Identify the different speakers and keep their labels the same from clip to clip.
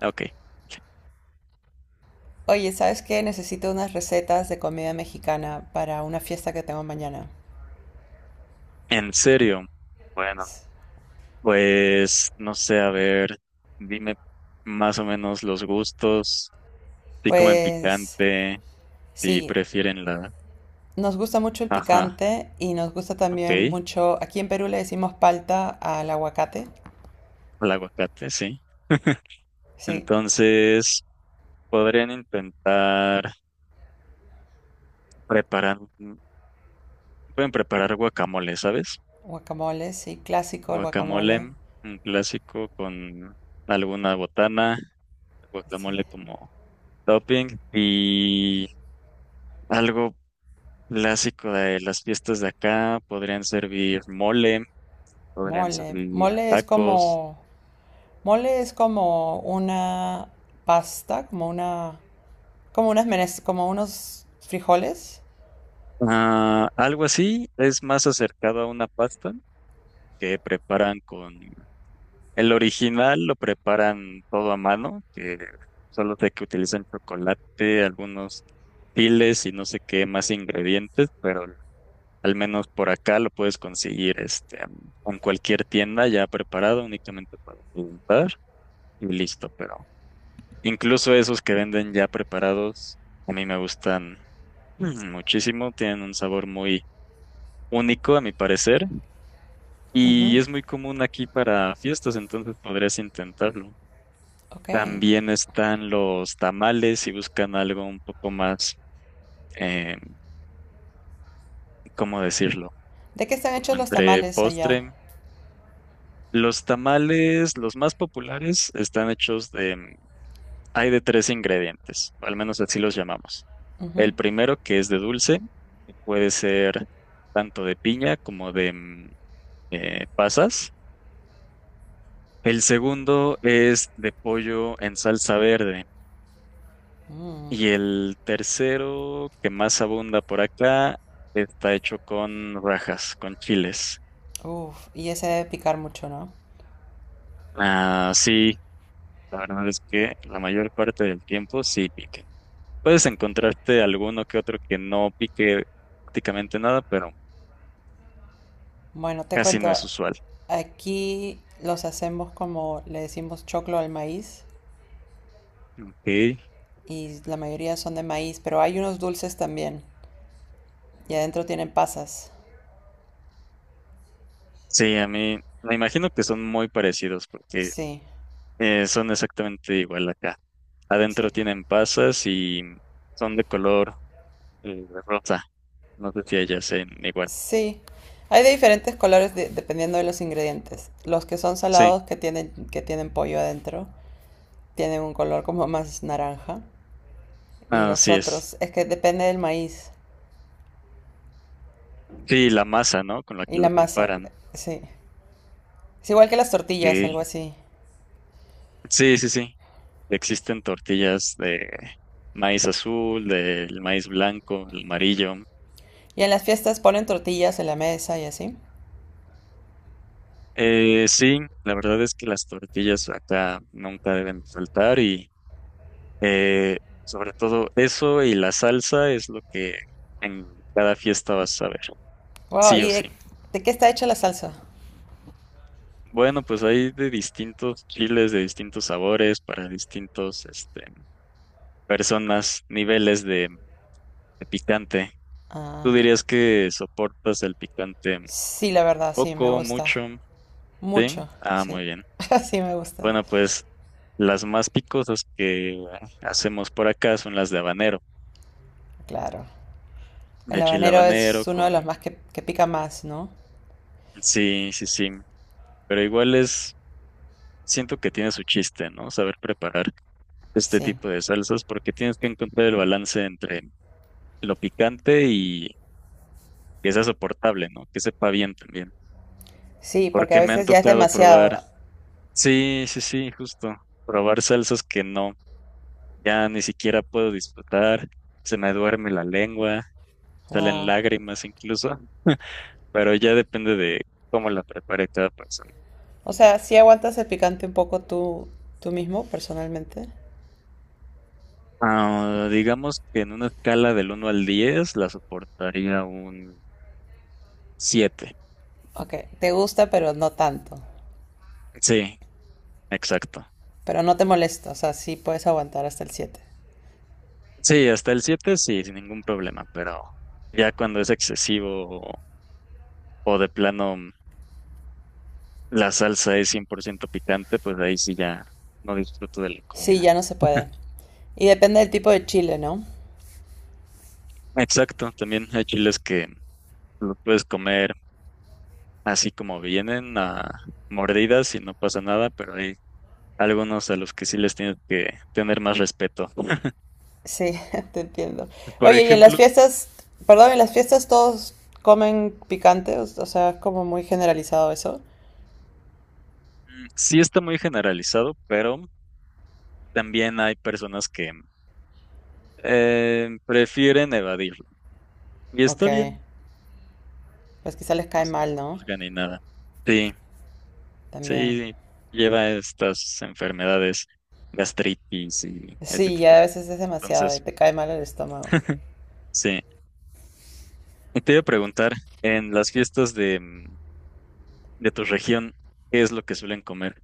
Speaker 1: Ok,
Speaker 2: Oye, ¿sabes qué? Necesito unas recetas de comida mexicana para una fiesta que tengo mañana.
Speaker 1: en serio. Bueno, pues no sé, a ver, dime más o menos los gustos, si comen
Speaker 2: Pues
Speaker 1: picante, si
Speaker 2: sí,
Speaker 1: prefieren la.
Speaker 2: nos gusta mucho el
Speaker 1: Ajá,
Speaker 2: picante y nos gusta
Speaker 1: ok,
Speaker 2: también
Speaker 1: el
Speaker 2: mucho, aquí en Perú le decimos palta al aguacate.
Speaker 1: aguacate, sí.
Speaker 2: Sí,
Speaker 1: Entonces, podrían intentar preparar, pueden preparar guacamole, ¿sabes?
Speaker 2: guacamole, sí, clásico el
Speaker 1: Guacamole,
Speaker 2: guacamole.
Speaker 1: un clásico con alguna botana,
Speaker 2: Sí,
Speaker 1: guacamole como topping y. Algo clásico de las fiestas de acá, podrían servir mole, podrían
Speaker 2: mole.
Speaker 1: servir
Speaker 2: Mole es
Speaker 1: tacos,
Speaker 2: como, mole es como una pasta, como como unos frijoles.
Speaker 1: ah, algo así, es más acercado a una pasta que preparan con el original, lo preparan todo a mano, que solo sé que utilizan chocolate, algunos chiles y no sé qué más ingredientes, pero al menos por acá lo puedes conseguir en cualquier tienda ya preparado únicamente para preguntar y listo, pero incluso esos que venden ya preparados, a mí me gustan muchísimo, tienen un sabor muy único a mi parecer
Speaker 2: Ujú.
Speaker 1: y es muy común aquí para fiestas, entonces podrías intentarlo.
Speaker 2: Ok.
Speaker 1: También están los tamales si buscan algo un poco más, eh, ¿cómo decirlo?
Speaker 2: ¿De qué están
Speaker 1: Como
Speaker 2: hechos los
Speaker 1: entre
Speaker 2: tamales allá?
Speaker 1: postre. Los tamales, los más populares, están hechos de, hay de tres ingredientes, o al menos así los llamamos.
Speaker 2: Ujú.
Speaker 1: El primero, que es de dulce, que puede ser tanto de piña como de pasas. El segundo es de pollo en salsa verde.
Speaker 2: Mm.
Speaker 1: Y el tercero, que más abunda por acá, está hecho con rajas, con chiles.
Speaker 2: Uf, y ese debe picar mucho, ¿no?
Speaker 1: Ah, sí, la verdad es que la mayor parte del tiempo sí pique. Puedes encontrarte alguno que otro que no pique prácticamente nada, pero
Speaker 2: Bueno, te
Speaker 1: casi
Speaker 2: cuento,
Speaker 1: no es usual.
Speaker 2: aquí los hacemos como, le decimos choclo al maíz,
Speaker 1: Ok.
Speaker 2: y la mayoría son de maíz, pero hay unos dulces también y adentro tienen pasas.
Speaker 1: Sí, a mí me imagino que son muy parecidos porque
Speaker 2: Sí,
Speaker 1: son exactamente igual acá.
Speaker 2: sí.
Speaker 1: Adentro tienen pasas y son de color rosa. No sé si ellas sean igual.
Speaker 2: Sí, hay de diferentes colores dependiendo de los ingredientes. Los que son
Speaker 1: Sí,
Speaker 2: salados que tienen pollo adentro tienen un color como más naranja y los
Speaker 1: así es.
Speaker 2: otros es que depende del maíz.
Speaker 1: Sí, la masa, ¿no? Con la
Speaker 2: Y
Speaker 1: que
Speaker 2: la
Speaker 1: la
Speaker 2: masa,
Speaker 1: preparan.
Speaker 2: sí. Es igual que las tortillas, algo
Speaker 1: Sí,
Speaker 2: así.
Speaker 1: sí, sí, sí. Existen tortillas de maíz azul, del maíz blanco, el amarillo.
Speaker 2: Y en las fiestas ponen tortillas en la mesa y así.
Speaker 1: Sí, la verdad es que las tortillas acá nunca deben faltar. Eh, sobre todo eso y la salsa es lo que en cada fiesta vas a ver,
Speaker 2: Wow,
Speaker 1: sí o sí.
Speaker 2: ¿de qué está hecha la salsa?
Speaker 1: Bueno, pues hay de distintos chiles, de distintos sabores, para distintos, personas, niveles de picante. ¿Tú
Speaker 2: Ah,
Speaker 1: dirías que soportas el picante
Speaker 2: sí, la verdad, sí, me
Speaker 1: poco,
Speaker 2: gusta.
Speaker 1: mucho? Sí.
Speaker 2: Mucho,
Speaker 1: Ah,
Speaker 2: sí.
Speaker 1: muy bien.
Speaker 2: Sí, me gusta.
Speaker 1: Bueno, pues las más picosas que hacemos por acá son las de habanero,
Speaker 2: Claro. El
Speaker 1: de chile
Speaker 2: habanero es
Speaker 1: habanero
Speaker 2: uno de
Speaker 1: con.
Speaker 2: los más que pica más, ¿no?
Speaker 1: Sí, sí, sí. Pero igual es siento que tiene su chiste, ¿no? Saber preparar este
Speaker 2: Sí.
Speaker 1: tipo de salsas porque tienes que encontrar el balance entre lo picante y que sea soportable, ¿no? Que sepa bien también.
Speaker 2: Sí, porque a
Speaker 1: Porque me han
Speaker 2: veces ya es
Speaker 1: tocado probar,
Speaker 2: demasiado.
Speaker 1: sí, sí, sí, justo, probar salsas que no, ya ni siquiera puedo disfrutar, se me duerme la lengua, salen
Speaker 2: Wow.
Speaker 1: lágrimas incluso, pero ya depende de cómo la prepare cada persona.
Speaker 2: O sea, sí aguantas el picante un poco tú, tú mismo, personalmente.
Speaker 1: Ah, digamos que en una escala del 1 al 10 la soportaría un 7.
Speaker 2: Ok, te gusta, pero no tanto.
Speaker 1: Sí, exacto.
Speaker 2: Pero no te molesta, o sea, sí puedes aguantar hasta el siete.
Speaker 1: Sí, hasta el 7 sí, sin ningún problema, pero ya cuando es excesivo o de plano la salsa es 100% picante, pues ahí sí ya no disfruto de la
Speaker 2: Sí,
Speaker 1: comida.
Speaker 2: ya no se puede. Y depende del tipo de chile, ¿no?
Speaker 1: Exacto, también hay chiles que los puedes comer así como vienen, a mordidas y no pasa nada, pero hay algunos a los que sí les tienes que tener más respeto.
Speaker 2: Sí, te entiendo.
Speaker 1: Por
Speaker 2: Oye, y en las
Speaker 1: ejemplo,
Speaker 2: fiestas, perdón, en las fiestas todos comen picante, o sea, es como muy generalizado eso.
Speaker 1: sí está muy generalizado, pero también hay personas que prefieren evadirlo. Y
Speaker 2: Ok,
Speaker 1: está bien,
Speaker 2: pues quizá les
Speaker 1: no
Speaker 2: cae
Speaker 1: se les
Speaker 2: mal, ¿no?
Speaker 1: juzga ni nada. Sí,
Speaker 2: También.
Speaker 1: sí, lleva estas enfermedades, gastritis y este
Speaker 2: Sí,
Speaker 1: tipo
Speaker 2: ya a
Speaker 1: de.
Speaker 2: veces es demasiado y
Speaker 1: Entonces,
Speaker 2: te cae mal el estómago.
Speaker 1: sí. Y te iba a preguntar, en las fiestas de tu región, ¿qué es lo que suelen comer?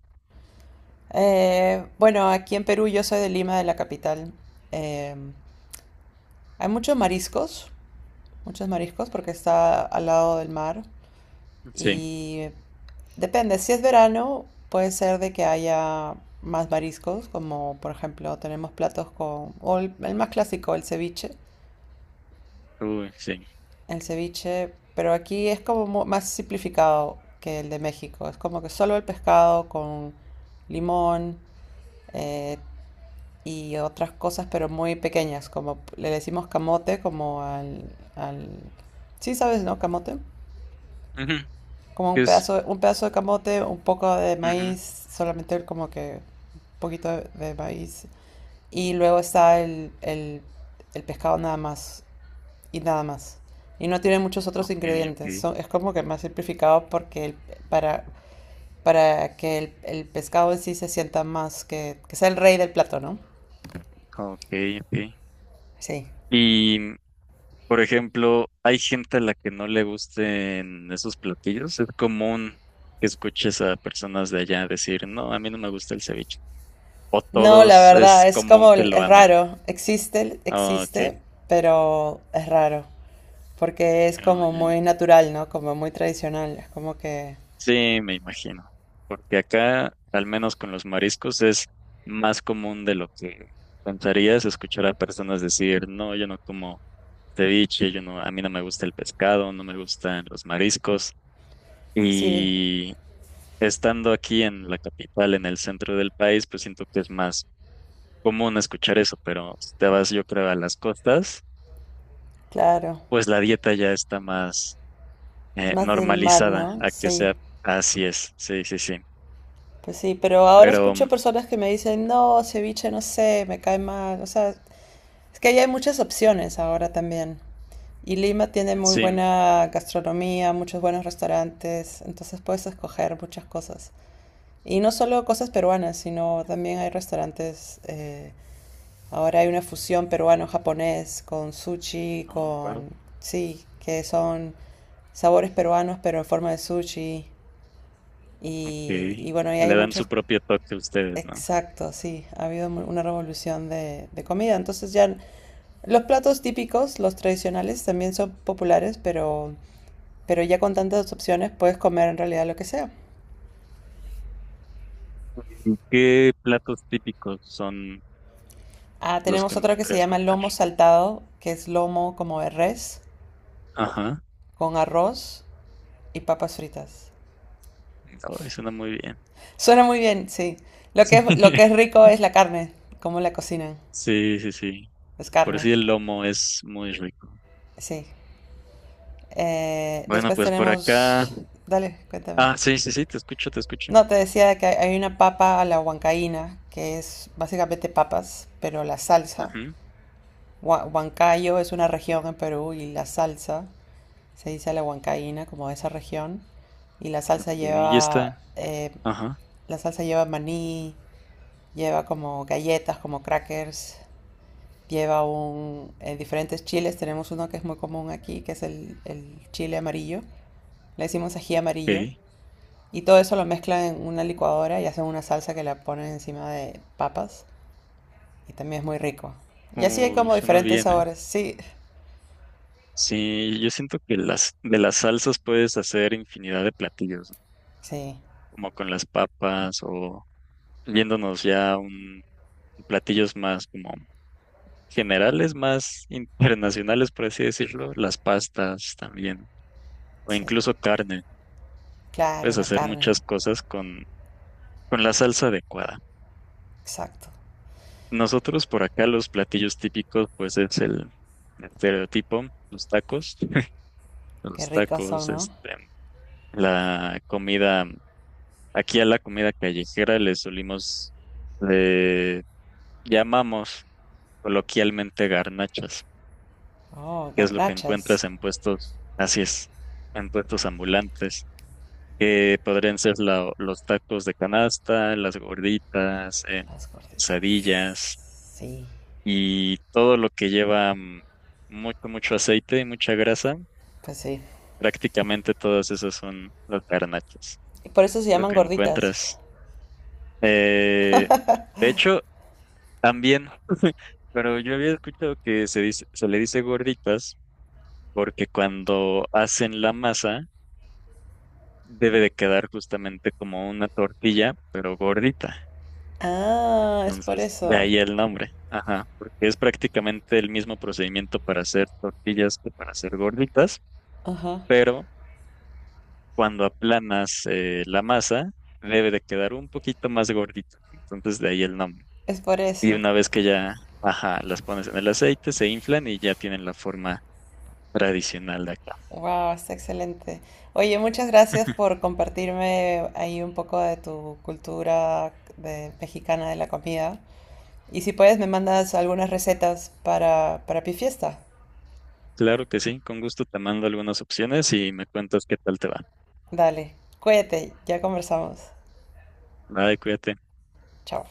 Speaker 2: Bueno, aquí en Perú yo soy de Lima, de la capital. Eh, hay muchos mariscos porque está al lado del mar.
Speaker 1: Sí,
Speaker 2: Y depende, si es verano, puede ser de que haya más mariscos, como por ejemplo tenemos platos con, el más clásico, el ceviche.
Speaker 1: uy, sí.
Speaker 2: El ceviche, pero aquí es como más simplificado que el de México. Es como que solo el pescado con limón, eh, y otras cosas, pero muy pequeñas, como le decimos camote, al... Sí, sabes, ¿no? Camote.
Speaker 1: Ujú,
Speaker 2: Como
Speaker 1: ¿qué es?
Speaker 2: un pedazo de camote, un poco de
Speaker 1: Ujú,
Speaker 2: maíz, solamente como que un poquito de maíz. Y luego está el pescado nada más. Y nada más. Y no tiene muchos otros
Speaker 1: ok, ok,
Speaker 2: ingredientes. Son, es como que más simplificado porque para, para que el pescado en sí se sienta más, que sea el rey del plato, ¿no?
Speaker 1: ok, ok.
Speaker 2: Sí.
Speaker 1: Y por ejemplo, hay gente a la que no le gusten esos platillos. Es común que escuches a personas de allá decir, no, a mí no me gusta el ceviche. O
Speaker 2: No, la
Speaker 1: todos
Speaker 2: verdad,
Speaker 1: es
Speaker 2: es
Speaker 1: común
Speaker 2: como,
Speaker 1: que lo
Speaker 2: es
Speaker 1: amen.
Speaker 2: raro.
Speaker 1: Ah,
Speaker 2: Existe,
Speaker 1: ok.
Speaker 2: pero es raro. Porque es
Speaker 1: Ah,
Speaker 2: como
Speaker 1: ya, ya.
Speaker 2: muy natural, ¿no? Como muy tradicional. Es como que,
Speaker 1: Sí, me imagino. Porque acá, al menos con los mariscos, es más común de lo que pensarías escuchar a personas decir, no, yo no como ceviche, yo no, a mí no me gusta el pescado, no me gustan los mariscos.
Speaker 2: sí,
Speaker 1: Y estando aquí en la capital, en el centro del país, pues siento que es más común escuchar eso, pero si te vas, yo creo, a las costas,
Speaker 2: claro.
Speaker 1: pues la dieta ya está más
Speaker 2: Es más del mar,
Speaker 1: normalizada
Speaker 2: ¿no?
Speaker 1: a que
Speaker 2: Sí.
Speaker 1: sea así es, sí, sí, sí.
Speaker 2: Pues sí, pero ahora
Speaker 1: Pero
Speaker 2: escucho personas que me dicen, no, ceviche, no sé, me cae mal. O sea, es que ahí hay muchas opciones ahora también. Y Lima tiene muy
Speaker 1: sí,
Speaker 2: buena gastronomía, muchos buenos restaurantes, entonces puedes escoger muchas cosas. Y no solo cosas peruanas, sino también hay restaurantes, ahora hay una fusión peruano-japonés con sushi,
Speaker 1: no, wow,
Speaker 2: con... Sí, que son sabores peruanos, pero en forma de sushi.
Speaker 1: ok.
Speaker 2: Y bueno, y hay
Speaker 1: Le dan su
Speaker 2: muchos...
Speaker 1: propio toque a ustedes, ¿no?
Speaker 2: Exacto, sí. Ha habido una revolución de comida. Entonces ya los platos típicos, los tradicionales, también son populares, pero ya con tantas opciones puedes comer en realidad lo que sea.
Speaker 1: ¿Qué platos típicos son
Speaker 2: Ah,
Speaker 1: los
Speaker 2: tenemos
Speaker 1: que me
Speaker 2: otro que se
Speaker 1: podrías
Speaker 2: llama
Speaker 1: contar?
Speaker 2: lomo saltado, que es lomo como de res,
Speaker 1: Ajá,
Speaker 2: con arroz y papas fritas.
Speaker 1: no, suena muy bien.
Speaker 2: Suena muy bien, sí. Lo que es rico es la carne, cómo la cocinan.
Speaker 1: Sí, sí, sí.
Speaker 2: Es
Speaker 1: Por
Speaker 2: carne,
Speaker 1: si el lomo es muy rico.
Speaker 2: sí.
Speaker 1: Bueno,
Speaker 2: Después
Speaker 1: pues por acá.
Speaker 2: tenemos... Dale, cuéntame.
Speaker 1: Ah, sí, sí, sí, te escucho, te escucho.
Speaker 2: No, te decía que hay una papa a la huancaína, que es básicamente papas, pero la salsa.
Speaker 1: Ujú.
Speaker 2: Huancayo es una región en Perú y la salsa se dice la huancaína, como de esa región. Y
Speaker 1: Ok, ya está. Ajá,
Speaker 2: la salsa lleva maní, lleva como galletas, como crackers, lleva un, diferentes chiles. Tenemos uno que es muy común aquí, que es el chile amarillo. Le decimos ají amarillo.
Speaker 1: ok.
Speaker 2: Y todo eso lo mezclan en una licuadora y hacen una salsa que la ponen encima de papas. Y también es muy rico. Y así hay
Speaker 1: Uy,
Speaker 2: como
Speaker 1: suena
Speaker 2: diferentes
Speaker 1: bien, ¿eh?
Speaker 2: sabores. Sí,
Speaker 1: Sí, yo siento que las de las salsas puedes hacer infinidad de platillos, ¿no?
Speaker 2: sí,
Speaker 1: Como con las papas o yéndonos ya a un platillos más como generales, más internacionales, por así decirlo, las pastas también, o
Speaker 2: sí.
Speaker 1: incluso carne.
Speaker 2: Claro,
Speaker 1: Puedes
Speaker 2: la
Speaker 1: hacer
Speaker 2: carne.
Speaker 1: muchas cosas con la salsa adecuada.
Speaker 2: Exacto.
Speaker 1: Nosotros por acá los platillos típicos, pues es el estereotipo, los tacos,
Speaker 2: Qué
Speaker 1: los
Speaker 2: ricos son,
Speaker 1: tacos,
Speaker 2: ¿no?
Speaker 1: la comida, aquí a la comida callejera le llamamos coloquialmente garnachas,
Speaker 2: Oh,
Speaker 1: que es lo que
Speaker 2: garrachas.
Speaker 1: encuentras en puestos, así es, en puestos ambulantes, que podrían ser los tacos de canasta, las gorditas,
Speaker 2: Las gorditas.
Speaker 1: quesadillas
Speaker 2: Sí,
Speaker 1: y todo lo que lleva mucho, mucho aceite y mucha grasa,
Speaker 2: pues sí.
Speaker 1: prácticamente todas esas son las garnachas,
Speaker 2: Y por eso se
Speaker 1: lo
Speaker 2: llaman
Speaker 1: que
Speaker 2: gorditas.
Speaker 1: encuentras. Eh, de hecho, también, pero yo había escuchado que se dice, se le dice gorditas porque cuando hacen la masa debe de quedar justamente como una tortilla, pero gordita.
Speaker 2: Ah, es por
Speaker 1: Entonces, de
Speaker 2: eso.
Speaker 1: ahí el nombre. Ajá, porque es prácticamente el mismo procedimiento para hacer tortillas que para hacer gorditas,
Speaker 2: Ajá.
Speaker 1: pero cuando aplanas la masa, debe de quedar un poquito más gordito. Entonces, de ahí el nombre.
Speaker 2: Es por
Speaker 1: Y
Speaker 2: eso.
Speaker 1: una vez que ya, ajá, las pones en el aceite, se inflan y ya tienen la forma tradicional de acá.
Speaker 2: Wow, está excelente. Oye, muchas gracias por compartirme ahí un poco de tu cultura mexicana de la comida. Y si puedes, me mandas algunas recetas para pi fiesta.
Speaker 1: Claro que sí, con gusto te mando algunas opciones y me cuentas qué tal te va.
Speaker 2: Dale, cuídate, ya conversamos.
Speaker 1: Nada, cuídate.
Speaker 2: Chao.